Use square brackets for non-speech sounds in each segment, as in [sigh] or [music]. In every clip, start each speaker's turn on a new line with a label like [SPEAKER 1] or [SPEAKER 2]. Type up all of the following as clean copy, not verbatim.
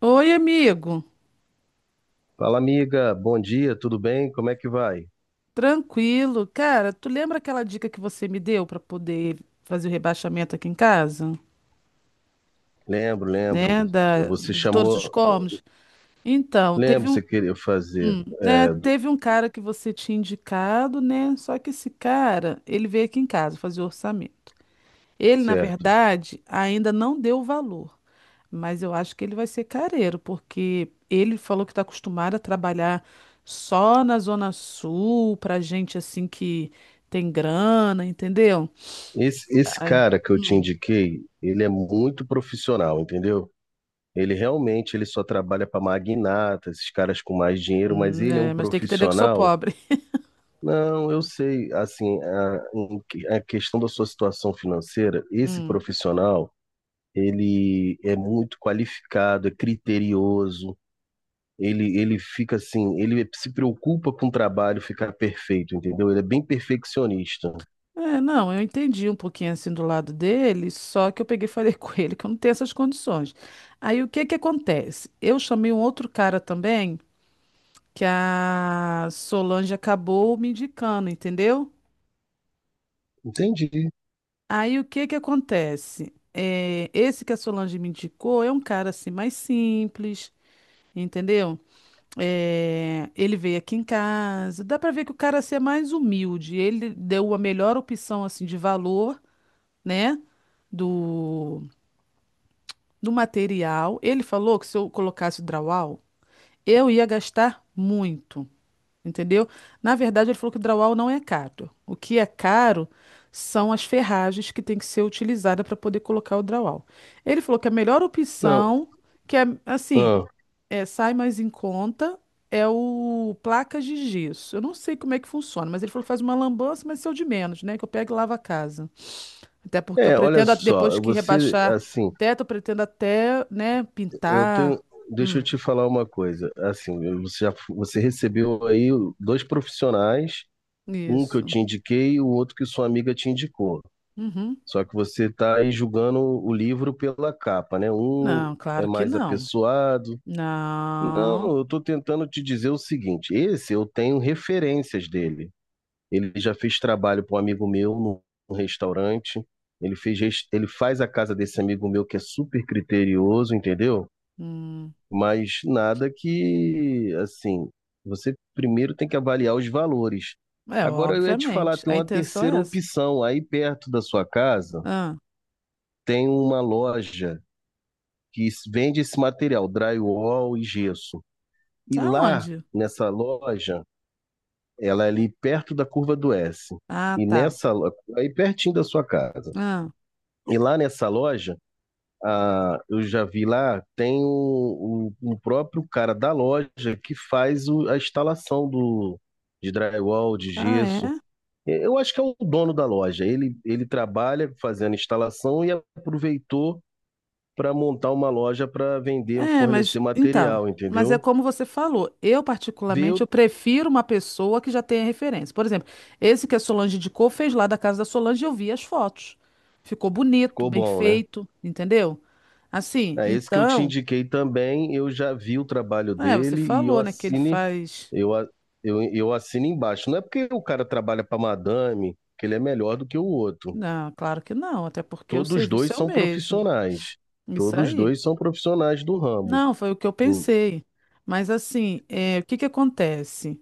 [SPEAKER 1] Oi, amigo.
[SPEAKER 2] Fala, amiga. Bom dia, tudo bem? Como é que vai?
[SPEAKER 1] Tranquilo. Cara, tu lembra aquela dica que você me deu para poder fazer o rebaixamento aqui em casa,
[SPEAKER 2] Lembro, lembro.
[SPEAKER 1] né, da
[SPEAKER 2] Você
[SPEAKER 1] de todos os
[SPEAKER 2] chamou.
[SPEAKER 1] cômodos? Então,
[SPEAKER 2] Lembro, você queria fazer.
[SPEAKER 1] né, teve um cara que você tinha indicado, né? Só que esse cara, ele veio aqui em casa fazer o orçamento. Ele, na
[SPEAKER 2] Certo.
[SPEAKER 1] verdade, ainda não deu o valor. Mas eu acho que ele vai ser careiro, porque ele falou que está acostumado a trabalhar só na Zona Sul, pra gente assim que tem grana, entendeu?
[SPEAKER 2] Esse
[SPEAKER 1] Ai,
[SPEAKER 2] cara que eu te
[SPEAKER 1] hum,
[SPEAKER 2] indiquei, ele é muito profissional, entendeu? Ele realmente ele só trabalha para magnata, esses caras com mais dinheiro, mas ele é um
[SPEAKER 1] é, mas tem que entender que eu sou
[SPEAKER 2] profissional.
[SPEAKER 1] pobre. [laughs]
[SPEAKER 2] Não, eu sei, assim, a questão da sua situação financeira, esse
[SPEAKER 1] Hum.
[SPEAKER 2] profissional, ele é muito qualificado, é criterioso. Ele fica assim, ele se preocupa com o trabalho ficar perfeito, entendeu? Ele é bem perfeccionista.
[SPEAKER 1] É, não, eu entendi um pouquinho assim do lado dele, só que eu peguei e falei [laughs] com ele que eu não tenho essas condições. Aí o que que acontece? Eu chamei um outro cara também, que a Solange acabou me indicando, entendeu?
[SPEAKER 2] Entendi.
[SPEAKER 1] Aí o que que acontece? É, esse que a Solange me indicou é um cara assim mais simples, entendeu? É, ele veio aqui em casa, dá pra ver que o cara assim, é mais humilde. Ele deu a melhor opção assim de valor, né? Do, do material. Ele falou que se eu colocasse o drywall, eu ia gastar muito, entendeu? Na verdade, ele falou que o drywall não é caro. O que é caro são as ferragens que tem que ser utilizada para poder colocar o drywall. Ele falou que a melhor
[SPEAKER 2] Não,
[SPEAKER 1] opção, que é assim,
[SPEAKER 2] ah,
[SPEAKER 1] é, sai mais em conta, é o placas de gesso. Eu não sei como é que funciona, mas ele falou que faz uma lambança, mas isso é o de menos, né? Que eu pego e lavo a casa. Até porque eu
[SPEAKER 2] é, olha
[SPEAKER 1] pretendo, depois
[SPEAKER 2] só,
[SPEAKER 1] que
[SPEAKER 2] você,
[SPEAKER 1] rebaixar
[SPEAKER 2] assim,
[SPEAKER 1] o teto, eu pretendo até, né,
[SPEAKER 2] eu
[SPEAKER 1] pintar.
[SPEAKER 2] tenho, deixa eu
[SPEAKER 1] Hum,
[SPEAKER 2] te falar uma coisa. Assim, você já, você recebeu aí dois profissionais, um que eu
[SPEAKER 1] isso.
[SPEAKER 2] te indiquei e o outro que sua amiga te indicou.
[SPEAKER 1] Uhum.
[SPEAKER 2] Só que você está aí julgando o livro pela capa, né? Um
[SPEAKER 1] Não,
[SPEAKER 2] é
[SPEAKER 1] claro que
[SPEAKER 2] mais
[SPEAKER 1] não.
[SPEAKER 2] apessoado.
[SPEAKER 1] Não.
[SPEAKER 2] Não, eu estou tentando te dizer o seguinte: esse eu tenho referências dele. Ele já fez trabalho para um amigo meu num restaurante. Ele faz a casa desse amigo meu que é super criterioso, entendeu?
[SPEAKER 1] Hum.
[SPEAKER 2] Mas nada que, assim, você primeiro tem que avaliar os valores.
[SPEAKER 1] É,
[SPEAKER 2] Agora eu ia te falar,
[SPEAKER 1] obviamente.
[SPEAKER 2] tem
[SPEAKER 1] A
[SPEAKER 2] uma
[SPEAKER 1] intenção
[SPEAKER 2] terceira
[SPEAKER 1] é essa.
[SPEAKER 2] opção. Aí perto da sua casa
[SPEAKER 1] Ah,
[SPEAKER 2] tem uma loja vende esse material, drywall e gesso. E lá
[SPEAKER 1] aonde?
[SPEAKER 2] nessa loja. Ela é ali perto da curva do S.
[SPEAKER 1] Ah,
[SPEAKER 2] E
[SPEAKER 1] tá.
[SPEAKER 2] nessa, aí pertinho da sua casa.
[SPEAKER 1] Ah,
[SPEAKER 2] E lá nessa loja, ah, eu já vi lá, tem o próprio cara da loja que faz a instalação de drywall, de
[SPEAKER 1] ah,
[SPEAKER 2] gesso.
[SPEAKER 1] é?
[SPEAKER 2] E eu acho que é o dono da loja. Ele trabalha fazendo instalação e aproveitou para montar uma loja para vender,
[SPEAKER 1] É, mas
[SPEAKER 2] fornecer
[SPEAKER 1] então.
[SPEAKER 2] material,
[SPEAKER 1] Mas é
[SPEAKER 2] entendeu?
[SPEAKER 1] como você falou. Eu, particularmente, eu
[SPEAKER 2] Deu,
[SPEAKER 1] prefiro uma pessoa que já tenha referência. Por exemplo, esse que a Solange indicou fez lá da casa da Solange e eu vi as fotos. Ficou bonito,
[SPEAKER 2] ficou
[SPEAKER 1] bem
[SPEAKER 2] bom, né?
[SPEAKER 1] feito, entendeu? Assim,
[SPEAKER 2] É, esse que eu te
[SPEAKER 1] então.
[SPEAKER 2] indiquei também, eu já vi o trabalho
[SPEAKER 1] É, você
[SPEAKER 2] dele e eu
[SPEAKER 1] falou, né, que ele
[SPEAKER 2] assine,
[SPEAKER 1] faz.
[SPEAKER 2] eu, a- eu assino embaixo. Não é porque o cara trabalha para madame que ele é melhor do que o outro.
[SPEAKER 1] Não, claro que não, até porque o
[SPEAKER 2] Todos
[SPEAKER 1] serviço
[SPEAKER 2] dois
[SPEAKER 1] é o
[SPEAKER 2] são
[SPEAKER 1] mesmo.
[SPEAKER 2] profissionais.
[SPEAKER 1] Isso
[SPEAKER 2] Todos
[SPEAKER 1] aí.
[SPEAKER 2] dois são profissionais do ramo.
[SPEAKER 1] Não, foi o que eu
[SPEAKER 2] Hum.
[SPEAKER 1] pensei. Mas assim, é, o que que acontece?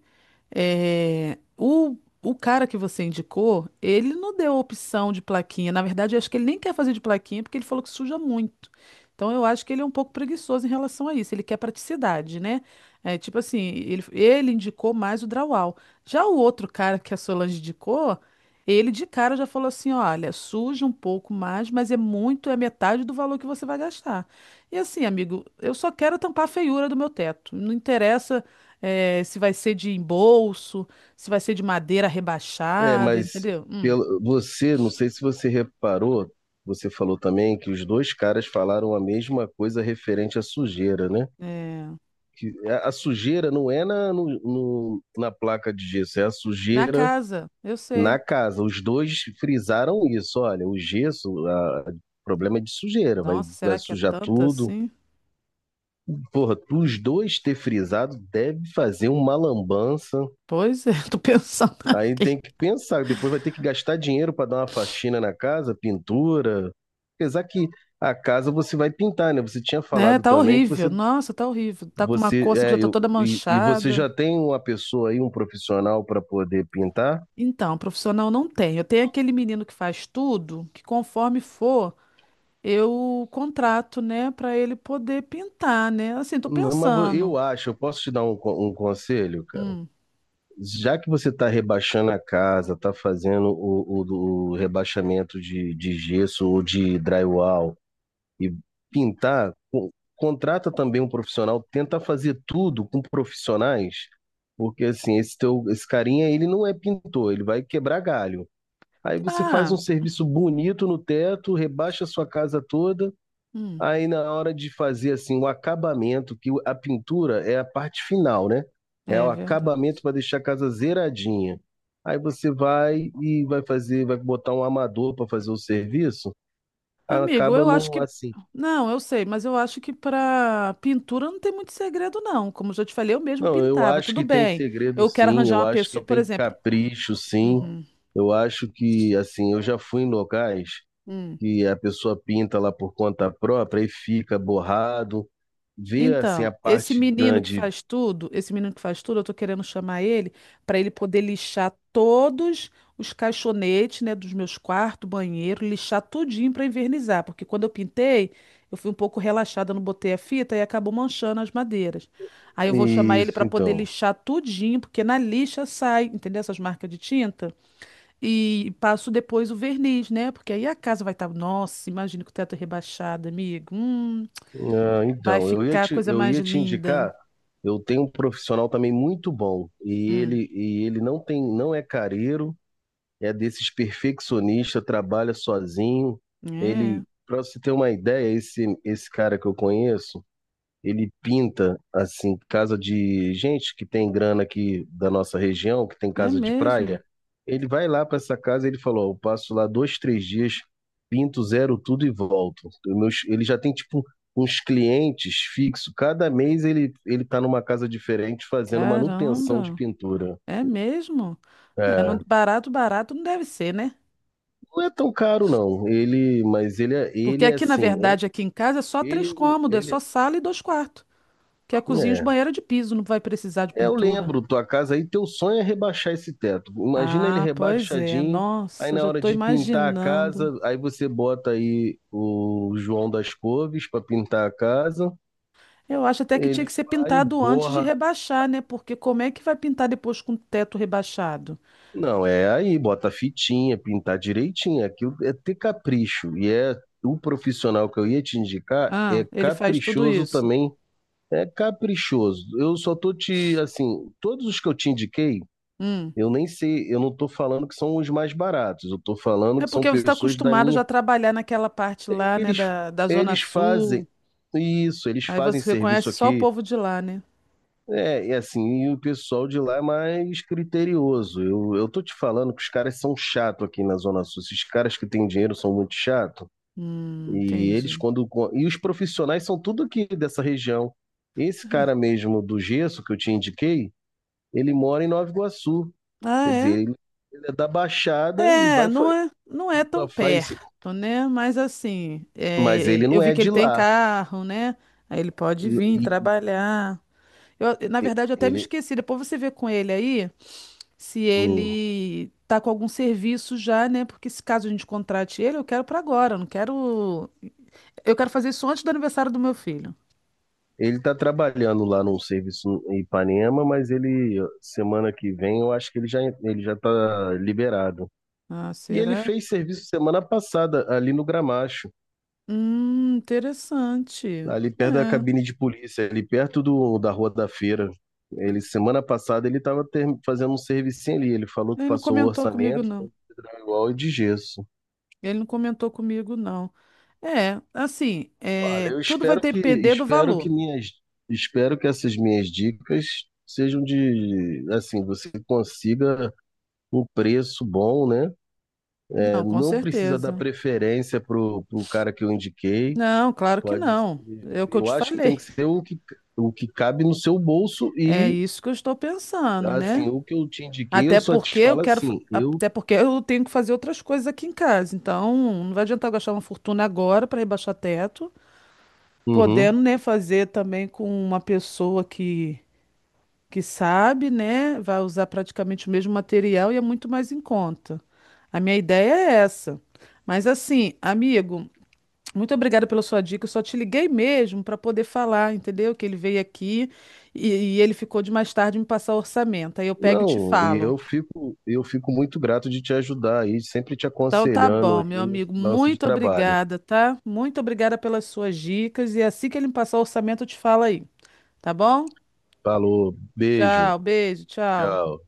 [SPEAKER 1] É, o cara que você indicou, ele não deu opção de plaquinha. Na verdade, eu acho que ele nem quer fazer de plaquinha porque ele falou que suja muito. Então, eu acho que ele é um pouco preguiçoso em relação a isso. Ele quer praticidade, né? É, tipo assim, ele indicou mais o drywall. Já o outro cara que a Solange indicou, ele de cara já falou assim: olha, suja um pouco mais, mas é muito, é metade do valor que você vai gastar. E assim, amigo, eu só quero tampar a feiura do meu teto. Não interessa é, se vai ser de embolso, se vai ser de madeira
[SPEAKER 2] É,
[SPEAKER 1] rebaixada,
[SPEAKER 2] mas
[SPEAKER 1] entendeu?
[SPEAKER 2] pelo, você, não sei se você reparou, você falou também que os dois caras falaram a mesma coisa referente à sujeira, né?
[SPEAKER 1] É,
[SPEAKER 2] Que a sujeira não é na, no, no- na placa de gesso, é a
[SPEAKER 1] na
[SPEAKER 2] sujeira
[SPEAKER 1] casa, eu
[SPEAKER 2] na
[SPEAKER 1] sei.
[SPEAKER 2] casa. Os dois frisaram isso. Olha, o gesso, a, problema é de sujeira,
[SPEAKER 1] Nossa,
[SPEAKER 2] vai
[SPEAKER 1] será que é
[SPEAKER 2] sujar
[SPEAKER 1] tanta
[SPEAKER 2] tudo.
[SPEAKER 1] assim?
[SPEAKER 2] Porra, os dois ter frisado deve fazer uma lambança.
[SPEAKER 1] Pois é, [laughs] tô pensando
[SPEAKER 2] Aí
[SPEAKER 1] aqui.
[SPEAKER 2] tem que pensar, depois vai ter que gastar dinheiro para dar uma faxina na casa, pintura. Apesar que a casa você vai pintar, né? Você tinha
[SPEAKER 1] Né,
[SPEAKER 2] falado
[SPEAKER 1] tá
[SPEAKER 2] também que
[SPEAKER 1] horrível.
[SPEAKER 2] você
[SPEAKER 1] Nossa, tá horrível. Tá com uma
[SPEAKER 2] você
[SPEAKER 1] coça que já
[SPEAKER 2] é,
[SPEAKER 1] tá
[SPEAKER 2] eu,
[SPEAKER 1] toda
[SPEAKER 2] e você
[SPEAKER 1] manchada.
[SPEAKER 2] já tem uma pessoa aí, um profissional para poder pintar?
[SPEAKER 1] Então, profissional não tem. Eu tenho aquele menino que faz tudo, que conforme for, eu contrato, né, pra ele poder pintar, né? Assim, tô
[SPEAKER 2] Não, mas
[SPEAKER 1] pensando.
[SPEAKER 2] eu acho, eu posso te dar um conselho, cara?
[SPEAKER 1] Hum.
[SPEAKER 2] Já que você está rebaixando a casa, está fazendo o rebaixamento de gesso ou de drywall e pintar, contrata também um profissional, tenta fazer tudo com profissionais, porque assim, esse carinha, ele não é pintor, ele vai quebrar galho. Aí você faz um
[SPEAKER 1] Ah,
[SPEAKER 2] serviço bonito no teto, rebaixa a sua casa toda.
[SPEAKER 1] hum,
[SPEAKER 2] Aí na hora de fazer assim o acabamento, que a pintura é a parte final, né? É
[SPEAKER 1] é
[SPEAKER 2] o acabamento
[SPEAKER 1] verdade.
[SPEAKER 2] para deixar a casa zeradinha. Aí você vai e vai fazer, vai botar um amador para fazer o serviço, aí
[SPEAKER 1] Amigo,
[SPEAKER 2] acaba
[SPEAKER 1] eu acho
[SPEAKER 2] não
[SPEAKER 1] que.
[SPEAKER 2] assim.
[SPEAKER 1] Não, eu sei, mas eu acho que para pintura não tem muito segredo, não. Como eu já te falei, eu mesmo
[SPEAKER 2] Não, eu
[SPEAKER 1] pintava.
[SPEAKER 2] acho
[SPEAKER 1] Tudo
[SPEAKER 2] que tem
[SPEAKER 1] bem.
[SPEAKER 2] segredo
[SPEAKER 1] Eu quero
[SPEAKER 2] sim,
[SPEAKER 1] arranjar
[SPEAKER 2] eu
[SPEAKER 1] uma
[SPEAKER 2] acho que
[SPEAKER 1] pessoa, por
[SPEAKER 2] tem
[SPEAKER 1] exemplo.
[SPEAKER 2] capricho sim.
[SPEAKER 1] Uhum,
[SPEAKER 2] Eu acho que assim, eu já fui em locais
[SPEAKER 1] hum.
[SPEAKER 2] que a pessoa pinta lá por conta própria e fica borrado, vê assim
[SPEAKER 1] Então,
[SPEAKER 2] a
[SPEAKER 1] esse
[SPEAKER 2] parte
[SPEAKER 1] menino que
[SPEAKER 2] grande.
[SPEAKER 1] faz tudo, esse menino que faz tudo, eu tô querendo chamar ele para ele poder lixar todos os caixonetes, né, dos meus quartos, banheiro, lixar tudinho para invernizar, porque quando eu pintei, eu fui um pouco relaxada, não botei a fita e acabou manchando as madeiras. Aí eu vou chamar ele para
[SPEAKER 2] Isso,
[SPEAKER 1] poder
[SPEAKER 2] então.
[SPEAKER 1] lixar tudinho, porque na lixa sai, entendeu? Essas marcas de tinta e passo depois o verniz, né? Porque aí a casa vai estar, nossa, imagina com o teto rebaixado, amigo.
[SPEAKER 2] Ah,
[SPEAKER 1] Vai
[SPEAKER 2] então,
[SPEAKER 1] ficar a coisa
[SPEAKER 2] eu
[SPEAKER 1] mais
[SPEAKER 2] ia te
[SPEAKER 1] linda.
[SPEAKER 2] indicar, eu tenho um profissional também muito bom,
[SPEAKER 1] Hum,
[SPEAKER 2] e ele não tem, não é careiro, é desses perfeccionista, trabalha sozinho.
[SPEAKER 1] é,
[SPEAKER 2] Ele, para você ter uma ideia, esse cara que eu conheço, ele pinta, assim, casa de gente que tem grana aqui da nossa região, que tem
[SPEAKER 1] é
[SPEAKER 2] casa de
[SPEAKER 1] mesmo.
[SPEAKER 2] praia. Ele vai lá para essa casa, ele falou, ó, eu passo lá dois, três dias, pinto, zero tudo e volto. Ele já tem, tipo, uns clientes fixos. Cada mês ele tá numa casa diferente fazendo manutenção de
[SPEAKER 1] Caramba,
[SPEAKER 2] pintura.
[SPEAKER 1] é mesmo. É, não,
[SPEAKER 2] É,
[SPEAKER 1] barato, barato não deve ser, né?
[SPEAKER 2] não é tão caro, não.
[SPEAKER 1] Porque
[SPEAKER 2] Ele é
[SPEAKER 1] aqui, na
[SPEAKER 2] assim,
[SPEAKER 1] verdade, aqui em casa é só três
[SPEAKER 2] ele,
[SPEAKER 1] cômodos, é só
[SPEAKER 2] ele,
[SPEAKER 1] sala e dois quartos. Que é cozinha e os
[SPEAKER 2] é,
[SPEAKER 1] banheiros de piso, não vai precisar de
[SPEAKER 2] é, eu
[SPEAKER 1] pintura.
[SPEAKER 2] lembro, tua casa aí, teu sonho é rebaixar esse teto. Imagina ele
[SPEAKER 1] Ah, pois é.
[SPEAKER 2] rebaixadinho, aí
[SPEAKER 1] Nossa,
[SPEAKER 2] na
[SPEAKER 1] já
[SPEAKER 2] hora
[SPEAKER 1] estou
[SPEAKER 2] de pintar a
[SPEAKER 1] imaginando.
[SPEAKER 2] casa, aí você bota aí o João das Couves para pintar a casa,
[SPEAKER 1] Eu acho até que tinha
[SPEAKER 2] ele
[SPEAKER 1] que ser
[SPEAKER 2] vai e
[SPEAKER 1] pintado antes de
[SPEAKER 2] borra.
[SPEAKER 1] rebaixar, né? Porque como é que vai pintar depois com o teto rebaixado?
[SPEAKER 2] Não, é aí, bota fitinha, pintar direitinho. Aquilo é ter capricho. E é o profissional que eu ia te indicar,
[SPEAKER 1] Ah,
[SPEAKER 2] é
[SPEAKER 1] ele faz tudo
[SPEAKER 2] caprichoso
[SPEAKER 1] isso.
[SPEAKER 2] também. É caprichoso. Eu só tô te, assim, todos os que eu te indiquei,
[SPEAKER 1] Hum.
[SPEAKER 2] eu nem sei, eu não estou falando que são os mais baratos, eu estou falando
[SPEAKER 1] É
[SPEAKER 2] que são
[SPEAKER 1] porque você está
[SPEAKER 2] pessoas da
[SPEAKER 1] acostumado
[SPEAKER 2] minha.
[SPEAKER 1] já a trabalhar naquela parte
[SPEAKER 2] É
[SPEAKER 1] lá,
[SPEAKER 2] que
[SPEAKER 1] né,
[SPEAKER 2] eles,
[SPEAKER 1] da Zona
[SPEAKER 2] eles fazem
[SPEAKER 1] Sul.
[SPEAKER 2] isso, eles
[SPEAKER 1] Aí
[SPEAKER 2] fazem
[SPEAKER 1] você
[SPEAKER 2] serviço
[SPEAKER 1] conhece só o
[SPEAKER 2] aqui.
[SPEAKER 1] povo de lá, né?
[SPEAKER 2] É, e assim, e o pessoal de lá é mais criterioso. Eu tô te falando que os caras são chato aqui na Zona Sul. Esses caras que têm dinheiro são muito chato. E eles,
[SPEAKER 1] Entendi.
[SPEAKER 2] quando. E os profissionais são tudo aqui dessa região. Esse cara mesmo do gesso que eu te indiquei, ele mora em Nova Iguaçu.
[SPEAKER 1] Ah,
[SPEAKER 2] Quer dizer,
[SPEAKER 1] é?
[SPEAKER 2] ele é da Baixada e
[SPEAKER 1] É,
[SPEAKER 2] vai,
[SPEAKER 1] não é, não é tão
[SPEAKER 2] só faz.
[SPEAKER 1] perto, né? Mas assim,
[SPEAKER 2] Mas
[SPEAKER 1] é,
[SPEAKER 2] ele não
[SPEAKER 1] eu vi
[SPEAKER 2] é
[SPEAKER 1] que ele
[SPEAKER 2] de
[SPEAKER 1] tem
[SPEAKER 2] lá.
[SPEAKER 1] carro, né? Aí ele pode vir trabalhar. Eu, na verdade, eu até me
[SPEAKER 2] Ele,
[SPEAKER 1] esqueci. Depois você vê com ele aí se
[SPEAKER 2] hum,
[SPEAKER 1] ele tá com algum serviço já, né? Porque se caso a gente contrate ele, eu quero para agora, eu não quero. Eu quero fazer isso antes do aniversário do meu filho.
[SPEAKER 2] ele tá trabalhando lá num serviço em Ipanema, mas ele, semana que vem, eu acho que ele já tá liberado.
[SPEAKER 1] Ah,
[SPEAKER 2] E ele
[SPEAKER 1] será?
[SPEAKER 2] fez serviço semana passada, ali no Gramacho,
[SPEAKER 1] Interessante.
[SPEAKER 2] ali perto da
[SPEAKER 1] É,
[SPEAKER 2] cabine de polícia, ali perto da Rua da Feira. Ele, semana passada, ele estava fazendo um servicinho ali. Ele falou que
[SPEAKER 1] ele não
[SPEAKER 2] passou o
[SPEAKER 1] comentou comigo,
[SPEAKER 2] orçamento,
[SPEAKER 1] não.
[SPEAKER 2] tanto de drywall e de gesso.
[SPEAKER 1] Ele não comentou comigo, não. É, assim,
[SPEAKER 2] Olha,
[SPEAKER 1] é,
[SPEAKER 2] eu
[SPEAKER 1] tudo vai depender do
[SPEAKER 2] espero que
[SPEAKER 1] valor.
[SPEAKER 2] minhas espero que essas minhas dicas sejam de assim, você consiga um preço bom, né? É,
[SPEAKER 1] Não, com
[SPEAKER 2] não precisa dar
[SPEAKER 1] certeza.
[SPEAKER 2] preferência pro cara que eu indiquei.
[SPEAKER 1] Não, claro que
[SPEAKER 2] Pode ser-
[SPEAKER 1] não. É o que eu
[SPEAKER 2] eu
[SPEAKER 1] te
[SPEAKER 2] acho que tem que
[SPEAKER 1] falei.
[SPEAKER 2] ser o que cabe no seu bolso
[SPEAKER 1] É
[SPEAKER 2] e
[SPEAKER 1] isso que eu estou pensando, né?
[SPEAKER 2] assim, o que eu te indiquei, eu
[SPEAKER 1] Até
[SPEAKER 2] só
[SPEAKER 1] porque
[SPEAKER 2] te
[SPEAKER 1] eu
[SPEAKER 2] falo
[SPEAKER 1] quero,
[SPEAKER 2] assim, eu.
[SPEAKER 1] até porque eu tenho que fazer outras coisas aqui em casa. Então, não vai adiantar eu gastar uma fortuna agora para rebaixar teto,
[SPEAKER 2] Uhum.
[SPEAKER 1] podendo, né, fazer também com uma pessoa que sabe, né? Vai usar praticamente o mesmo material e é muito mais em conta. A minha ideia é essa. Mas assim, amigo, muito obrigada pela sua dica. Eu só te liguei mesmo para poder falar, entendeu? Que ele veio aqui e ele ficou de mais tarde me passar o orçamento. Aí eu pego e te
[SPEAKER 2] Não, e
[SPEAKER 1] falo.
[SPEAKER 2] eu fico muito grato de te ajudar aí, sempre te
[SPEAKER 1] Então tá
[SPEAKER 2] aconselhando
[SPEAKER 1] bom, meu
[SPEAKER 2] aí nesse
[SPEAKER 1] amigo,
[SPEAKER 2] lance de
[SPEAKER 1] muito
[SPEAKER 2] trabalho.
[SPEAKER 1] obrigada, tá? Muito obrigada pelas suas dicas e assim que ele me passar o orçamento eu te falo aí, tá bom?
[SPEAKER 2] Falou, beijo,
[SPEAKER 1] Tchau, beijo, tchau.
[SPEAKER 2] tchau.